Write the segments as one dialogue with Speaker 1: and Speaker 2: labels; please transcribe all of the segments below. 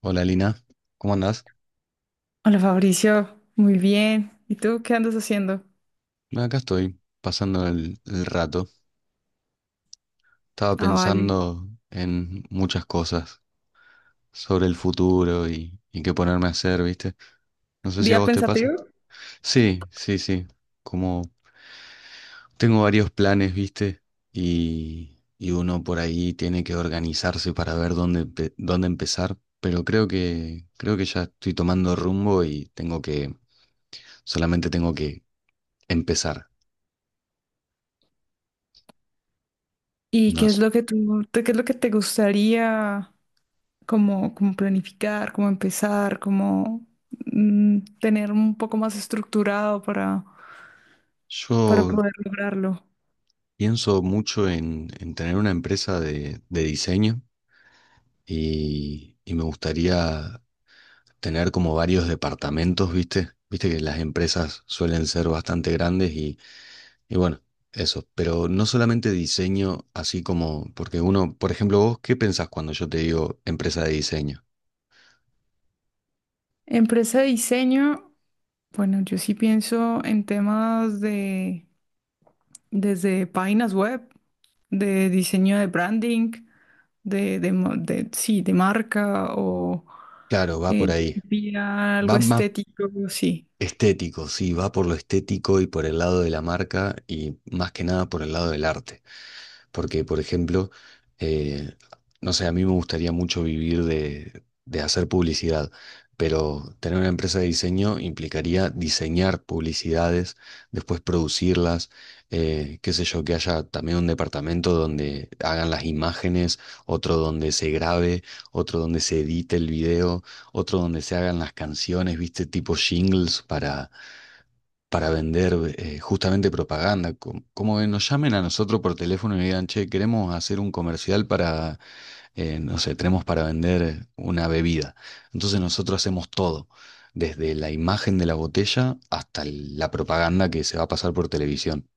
Speaker 1: Hola Lina, ¿cómo andás?
Speaker 2: Hola Fabricio, muy bien. ¿Y tú qué andas haciendo?
Speaker 1: No, acá estoy, pasando el rato. Estaba
Speaker 2: Ah, vale.
Speaker 1: pensando en muchas cosas sobre el futuro y qué ponerme a hacer, ¿viste? No sé si a
Speaker 2: ¿Día
Speaker 1: vos te pasa.
Speaker 2: pensativo?
Speaker 1: Sí, sí, sí. Como tengo varios planes, ¿viste? Y uno por ahí tiene que organizarse para ver dónde, dónde empezar. Pero creo que ya estoy tomando rumbo y solamente tengo que empezar.
Speaker 2: ¿Y
Speaker 1: No
Speaker 2: qué es
Speaker 1: sé.
Speaker 2: lo que qué es lo que te gustaría como, planificar, como empezar, como tener un poco más estructurado para
Speaker 1: Yo
Speaker 2: poder lograrlo?
Speaker 1: Pienso mucho en tener una empresa de diseño y me gustaría tener como varios departamentos, ¿viste? Viste que las empresas suelen ser bastante grandes y bueno, eso. Pero no solamente diseño, así como, porque uno, por ejemplo, vos, ¿qué pensás cuando yo te digo empresa de diseño?
Speaker 2: Empresa de diseño, bueno, yo sí pienso en temas desde páginas web, de diseño de branding, sí, de marca o
Speaker 1: Claro, va por ahí.
Speaker 2: que pida algo
Speaker 1: Va más
Speaker 2: estético, sí.
Speaker 1: estético, sí, va por lo estético y por el lado de la marca y más que nada por el lado del arte. Porque, por ejemplo, eh, no sé, a mí me gustaría mucho vivir de hacer publicidad, pero tener una empresa de diseño implicaría diseñar publicidades, después producirlas, qué sé yo, que haya también un departamento donde hagan las imágenes, otro donde se grabe, otro donde se edite el video, otro donde se hagan las canciones, viste, tipo jingles para vender justamente propaganda. Como, como que nos llamen a nosotros por teléfono y digan, che, queremos hacer un comercial para, no sé, tenemos para vender una bebida. Entonces nosotros hacemos todo, desde la imagen de la botella hasta la propaganda que se va a pasar por televisión.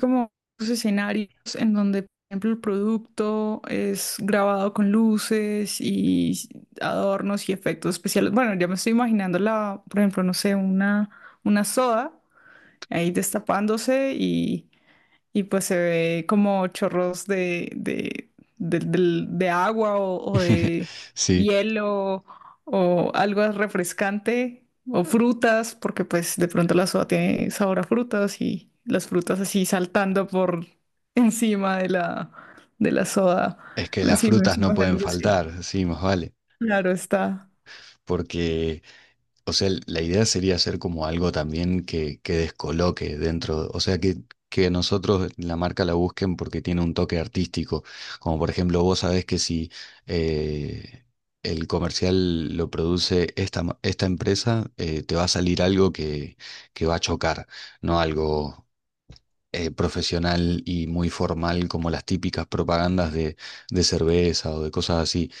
Speaker 2: Como los escenarios en donde, por ejemplo, el producto es grabado con luces y adornos y efectos especiales. Bueno, ya me estoy imaginando por ejemplo, no sé, una soda ahí destapándose y pues se ve como chorros de agua o de
Speaker 1: Sí,
Speaker 2: hielo o algo refrescante o frutas, porque pues de pronto la soda tiene sabor a frutas y las frutas así saltando por encima de de la soda.
Speaker 1: es que las
Speaker 2: Encima,
Speaker 1: frutas no
Speaker 2: encima de
Speaker 1: pueden
Speaker 2: algo así.
Speaker 1: faltar, sí, más vale.
Speaker 2: Claro está.
Speaker 1: Porque O sea, la idea sería hacer como algo también que descoloque dentro, o sea, que nosotros la marca la busquen porque tiene un toque artístico. Como por ejemplo, vos sabés que si eh, el comercial lo produce esta empresa, te va a salir algo que va a chocar, no algo profesional y muy formal como las típicas propagandas de cerveza o de cosas así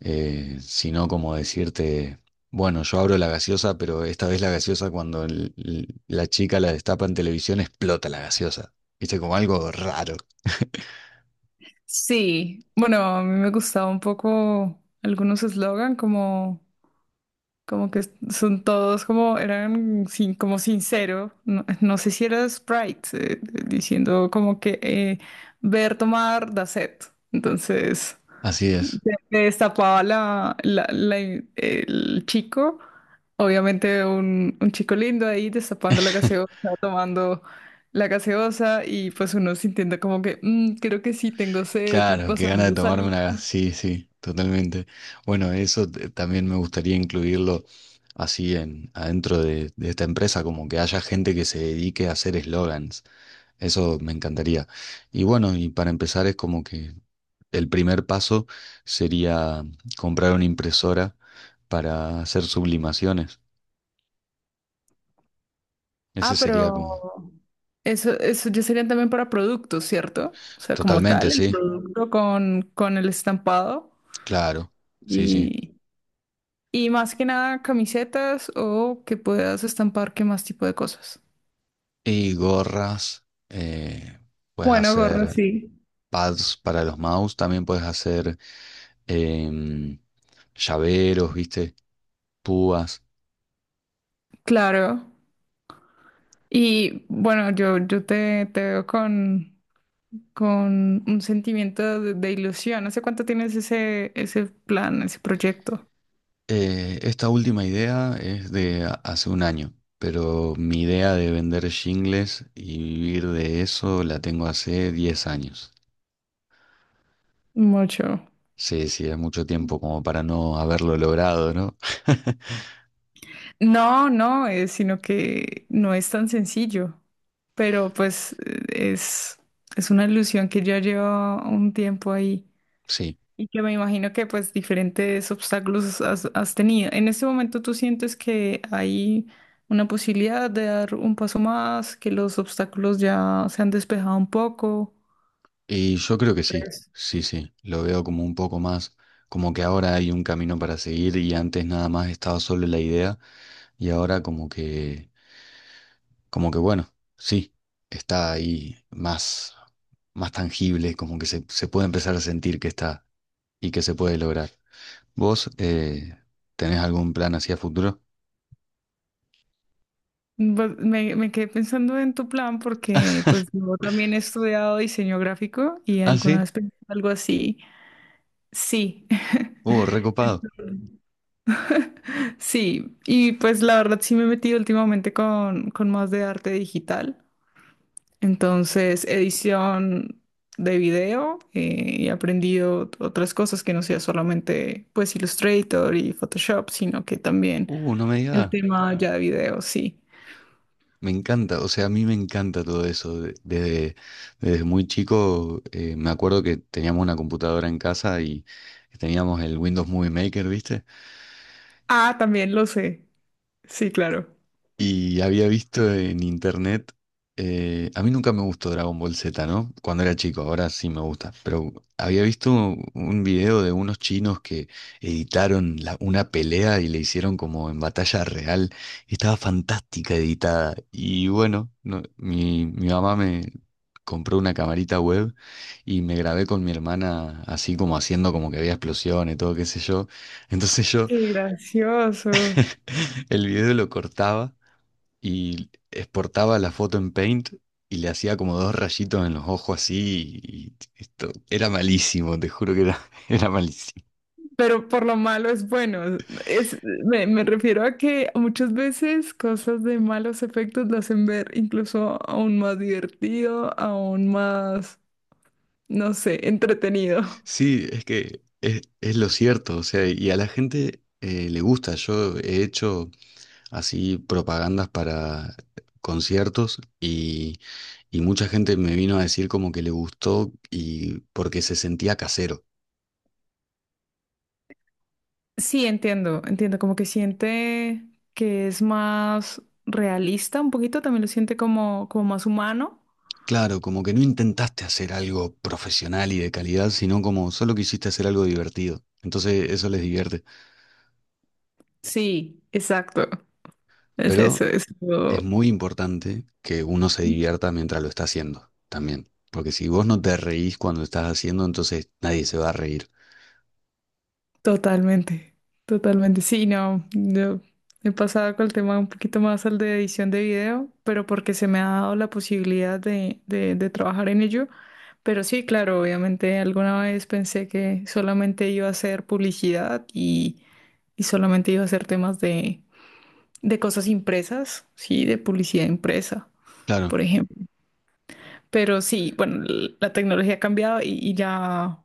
Speaker 1: sino como decirte, bueno, yo abro la gaseosa, pero esta vez la gaseosa cuando la chica la destapa en televisión explota la gaseosa. Viste, como algo raro.
Speaker 2: Sí, bueno, a mí me gustaba un poco algunos eslogan como... Como que son todos como, eran sin, como sincero, no, no sé si era Sprite, diciendo como que ver tomar da sed. Entonces,
Speaker 1: Así es.
Speaker 2: se destapaba el chico, obviamente un chico lindo ahí destapando la gaseosa, tomando la gaseosa y pues uno sintiendo como que "Mm, creo que sí tengo sed" y
Speaker 1: Claro, qué gana de
Speaker 2: pasando
Speaker 1: tomarme una...
Speaker 2: saliva.
Speaker 1: Sí, sí, totalmente. Bueno, eso también me gustaría incluirlo así en, adentro de esta empresa, como que haya gente que se dedique a hacer eslogans. Eso me encantaría. Y bueno, y para empezar es como que el primer paso sería comprar una impresora para hacer sublimaciones. Ese
Speaker 2: Ah, pero
Speaker 1: sería como...
Speaker 2: eso ya serían también para productos, ¿cierto? O sea, como
Speaker 1: Totalmente,
Speaker 2: tal, el
Speaker 1: sí.
Speaker 2: producto con el estampado
Speaker 1: Claro. Sí, sí.
Speaker 2: y, y más que nada camisetas o que puedas estampar qué más tipo de cosas.
Speaker 1: Y gorras. eh, puedes
Speaker 2: Bueno, gorro,
Speaker 1: hacer
Speaker 2: sí,
Speaker 1: pads para los mouse. También puedes hacer em, llaveros, ¿viste? Púas.
Speaker 2: claro. Y bueno, te veo con un sentimiento de ilusión. ¿Hace cuánto tienes ese, ese plan, ese proyecto?
Speaker 1: Esta última idea es de hace un año, pero mi idea de vender shingles y vivir de eso la tengo hace 10 años.
Speaker 2: Mucho.
Speaker 1: Sí, sí, es mucho tiempo como para no haberlo logrado, ¿no?
Speaker 2: No, no, sino que no es tan sencillo. Pero pues es, es una ilusión que ya lleva un tiempo ahí
Speaker 1: Sí,
Speaker 2: y que me imagino que pues diferentes obstáculos has tenido. En este momento tú sientes que hay una posibilidad de dar un paso más, que los obstáculos ya se han despejado un poco.
Speaker 1: y yo creo que sí,
Speaker 2: ¿Crees?
Speaker 1: sí, sí, lo veo como un poco más, como que ahora hay un camino para seguir y antes nada más estaba solo la idea y ahora como que, como que bueno, sí, está ahí más, más tangible, como que se puede empezar a sentir que está y que se puede lograr. ¿Vos tenés algún plan hacia futuro?
Speaker 2: Pues, me quedé pensando en tu plan, porque pues yo también he estudiado diseño gráfico y
Speaker 1: Ah,
Speaker 2: alguna
Speaker 1: sí,
Speaker 2: vez pensé algo así. Sí.
Speaker 1: recopado.
Speaker 2: Sí, y pues la verdad sí me he metido últimamente con más de arte digital. Entonces, edición de video, y he aprendido otras cosas que no sea solamente pues Illustrator y Photoshop, sino que también
Speaker 1: No me
Speaker 2: el
Speaker 1: digas.
Speaker 2: tema ya de video, sí.
Speaker 1: Me encanta, o sea, a mí me encanta todo eso. Desde, desde muy chico me acuerdo que teníamos una computadora en casa y teníamos el Windows Movie Maker, ¿viste?
Speaker 2: Ah, también lo sé. Sí, claro.
Speaker 1: Y había visto en internet, a mí nunca me gustó Dragon Ball Z, ¿no? Cuando era chico, ahora sí me gusta, pero había visto un video de unos chinos que editaron una pelea y le hicieron como en batalla real, y estaba fantástica editada. Y bueno, mi mamá me compró una camarita web y me grabé con mi hermana así como haciendo como que había explosiones, todo qué sé yo. Entonces yo
Speaker 2: Qué gracioso.
Speaker 1: el video lo cortaba y exportaba la foto en Paint y le hacía como dos rayitos en los ojos así y esto era malísimo, te juro que era, era malísimo.
Speaker 2: Pero por lo malo es bueno. Es, me refiero a que muchas veces cosas de malos efectos lo hacen ver incluso aún más divertido, aún más, no sé, entretenido.
Speaker 1: Sí, es que es lo cierto, o sea, y a la gente le gusta. Yo he hecho así propagandas para conciertos y mucha gente me vino a decir como que le gustó y porque se sentía casero.
Speaker 2: Sí, entiendo, entiendo, como que siente que es más realista un poquito, también lo siente como, como más humano.
Speaker 1: Claro, como que no intentaste hacer algo profesional y de calidad, sino como solo quisiste hacer algo divertido. Entonces eso les divierte.
Speaker 2: Sí, exacto. Es eso,
Speaker 1: Pero
Speaker 2: es lo-
Speaker 1: es muy importante que uno se divierta mientras lo está haciendo también. Porque si vos no te reís cuando estás haciendo, entonces nadie se va a reír.
Speaker 2: Totalmente, totalmente. Sí, no, yo he pasado con el tema un poquito más al de edición de video, pero porque se me ha dado la posibilidad de trabajar en ello. Pero sí, claro, obviamente alguna vez pensé que solamente iba a hacer publicidad y solamente iba a hacer temas de cosas impresas, sí, de publicidad impresa,
Speaker 1: Claro,
Speaker 2: por ejemplo. Pero sí, bueno, la tecnología ha cambiado y ya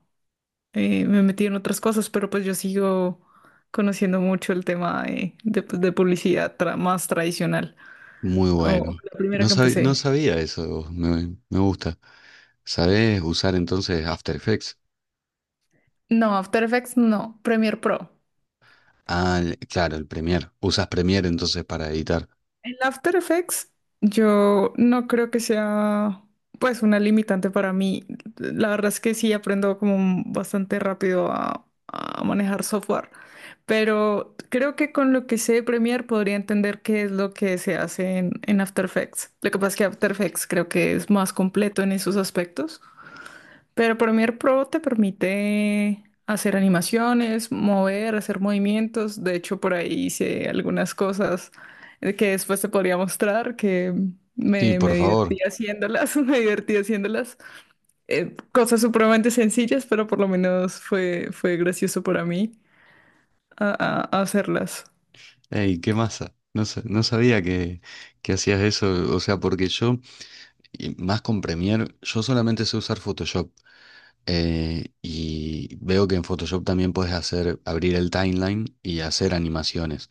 Speaker 2: me metí en otras cosas, pero pues yo sigo conociendo mucho el tema pues, de publicidad más tradicional.
Speaker 1: muy
Speaker 2: O
Speaker 1: bueno.
Speaker 2: la primera
Speaker 1: No
Speaker 2: que
Speaker 1: sabía, no
Speaker 2: empecé.
Speaker 1: sabía eso, de vos, me gusta. ¿Sabés usar entonces After Effects?
Speaker 2: No, After Effects no, Premiere Pro.
Speaker 1: Ah, claro, el Premiere. Usas Premiere entonces para editar.
Speaker 2: En After Effects, yo no creo que sea pues una limitante para mí. La verdad es que sí aprendo como bastante rápido a manejar software, pero creo que con lo que sé Premiere podría entender qué es lo que se hace en After Effects. Lo que pasa es que After Effects creo que es más completo en esos aspectos. Pero Premiere Pro te permite hacer animaciones, mover, hacer movimientos. De hecho, por ahí hice algunas cosas que después te podría mostrar que
Speaker 1: Sí, por
Speaker 2: me
Speaker 1: favor.
Speaker 2: divertí haciéndolas, me divertí haciéndolas. Cosas supremamente sencillas, pero por lo menos fue, fue gracioso para mí hacerlas.
Speaker 1: Ey, qué masa. No, no sabía que hacías eso. O sea, porque yo, y más con Premiere, yo solamente sé usar Photoshop. Y veo que en Photoshop también puedes hacer, abrir el timeline y hacer animaciones.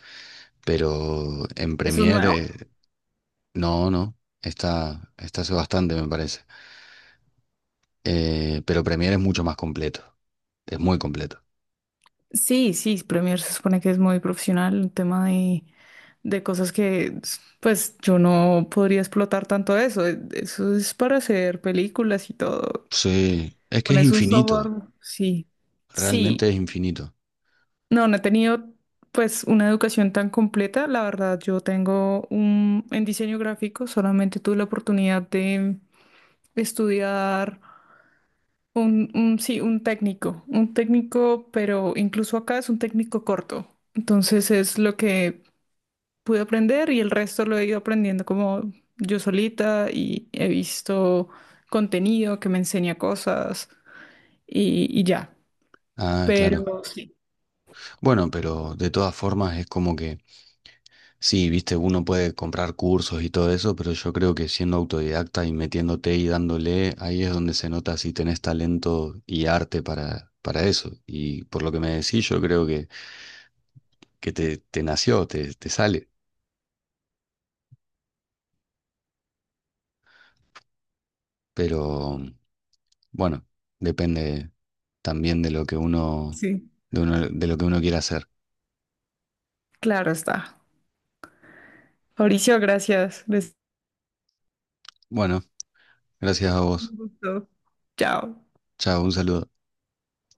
Speaker 1: Pero en
Speaker 2: ¿Eso es nuevo?
Speaker 1: Premiere, no, no. Está, está hace bastante, me parece. Pero Premiere es mucho más completo. Es muy completo.
Speaker 2: Sí, sí, Premiere se supone que es muy profesional en tema de cosas que, pues, yo no podría explotar tanto eso. Eso es para hacer películas y todo.
Speaker 1: Sí, es que es
Speaker 2: Pones un software,
Speaker 1: infinito.
Speaker 2: sí.
Speaker 1: Realmente
Speaker 2: Sí.
Speaker 1: es infinito.
Speaker 2: No, no he tenido, pues, una educación tan completa. La verdad, yo tengo en diseño gráfico, solamente tuve la oportunidad de estudiar. Sí, un técnico, pero incluso acá es un técnico corto. Entonces es lo que pude aprender y el resto lo he ido aprendiendo como yo solita y he visto contenido que me enseña cosas y ya.
Speaker 1: Ah, claro.
Speaker 2: Pero sí,
Speaker 1: Bueno, pero de todas formas es como que. Sí, viste, uno puede comprar cursos y todo eso, pero yo creo que siendo autodidacta y metiéndote y dándole, ahí es donde se nota si tenés talento y arte para eso. Y por lo que me decís, yo creo que te nació, te sale. Pero bueno, depende también de lo que
Speaker 2: sí,
Speaker 1: uno, de lo que uno quiera hacer.
Speaker 2: claro está. Mauricio, gracias. Les...
Speaker 1: Bueno, gracias a
Speaker 2: Un
Speaker 1: vos.
Speaker 2: gusto. Chao.
Speaker 1: Chao, un saludo.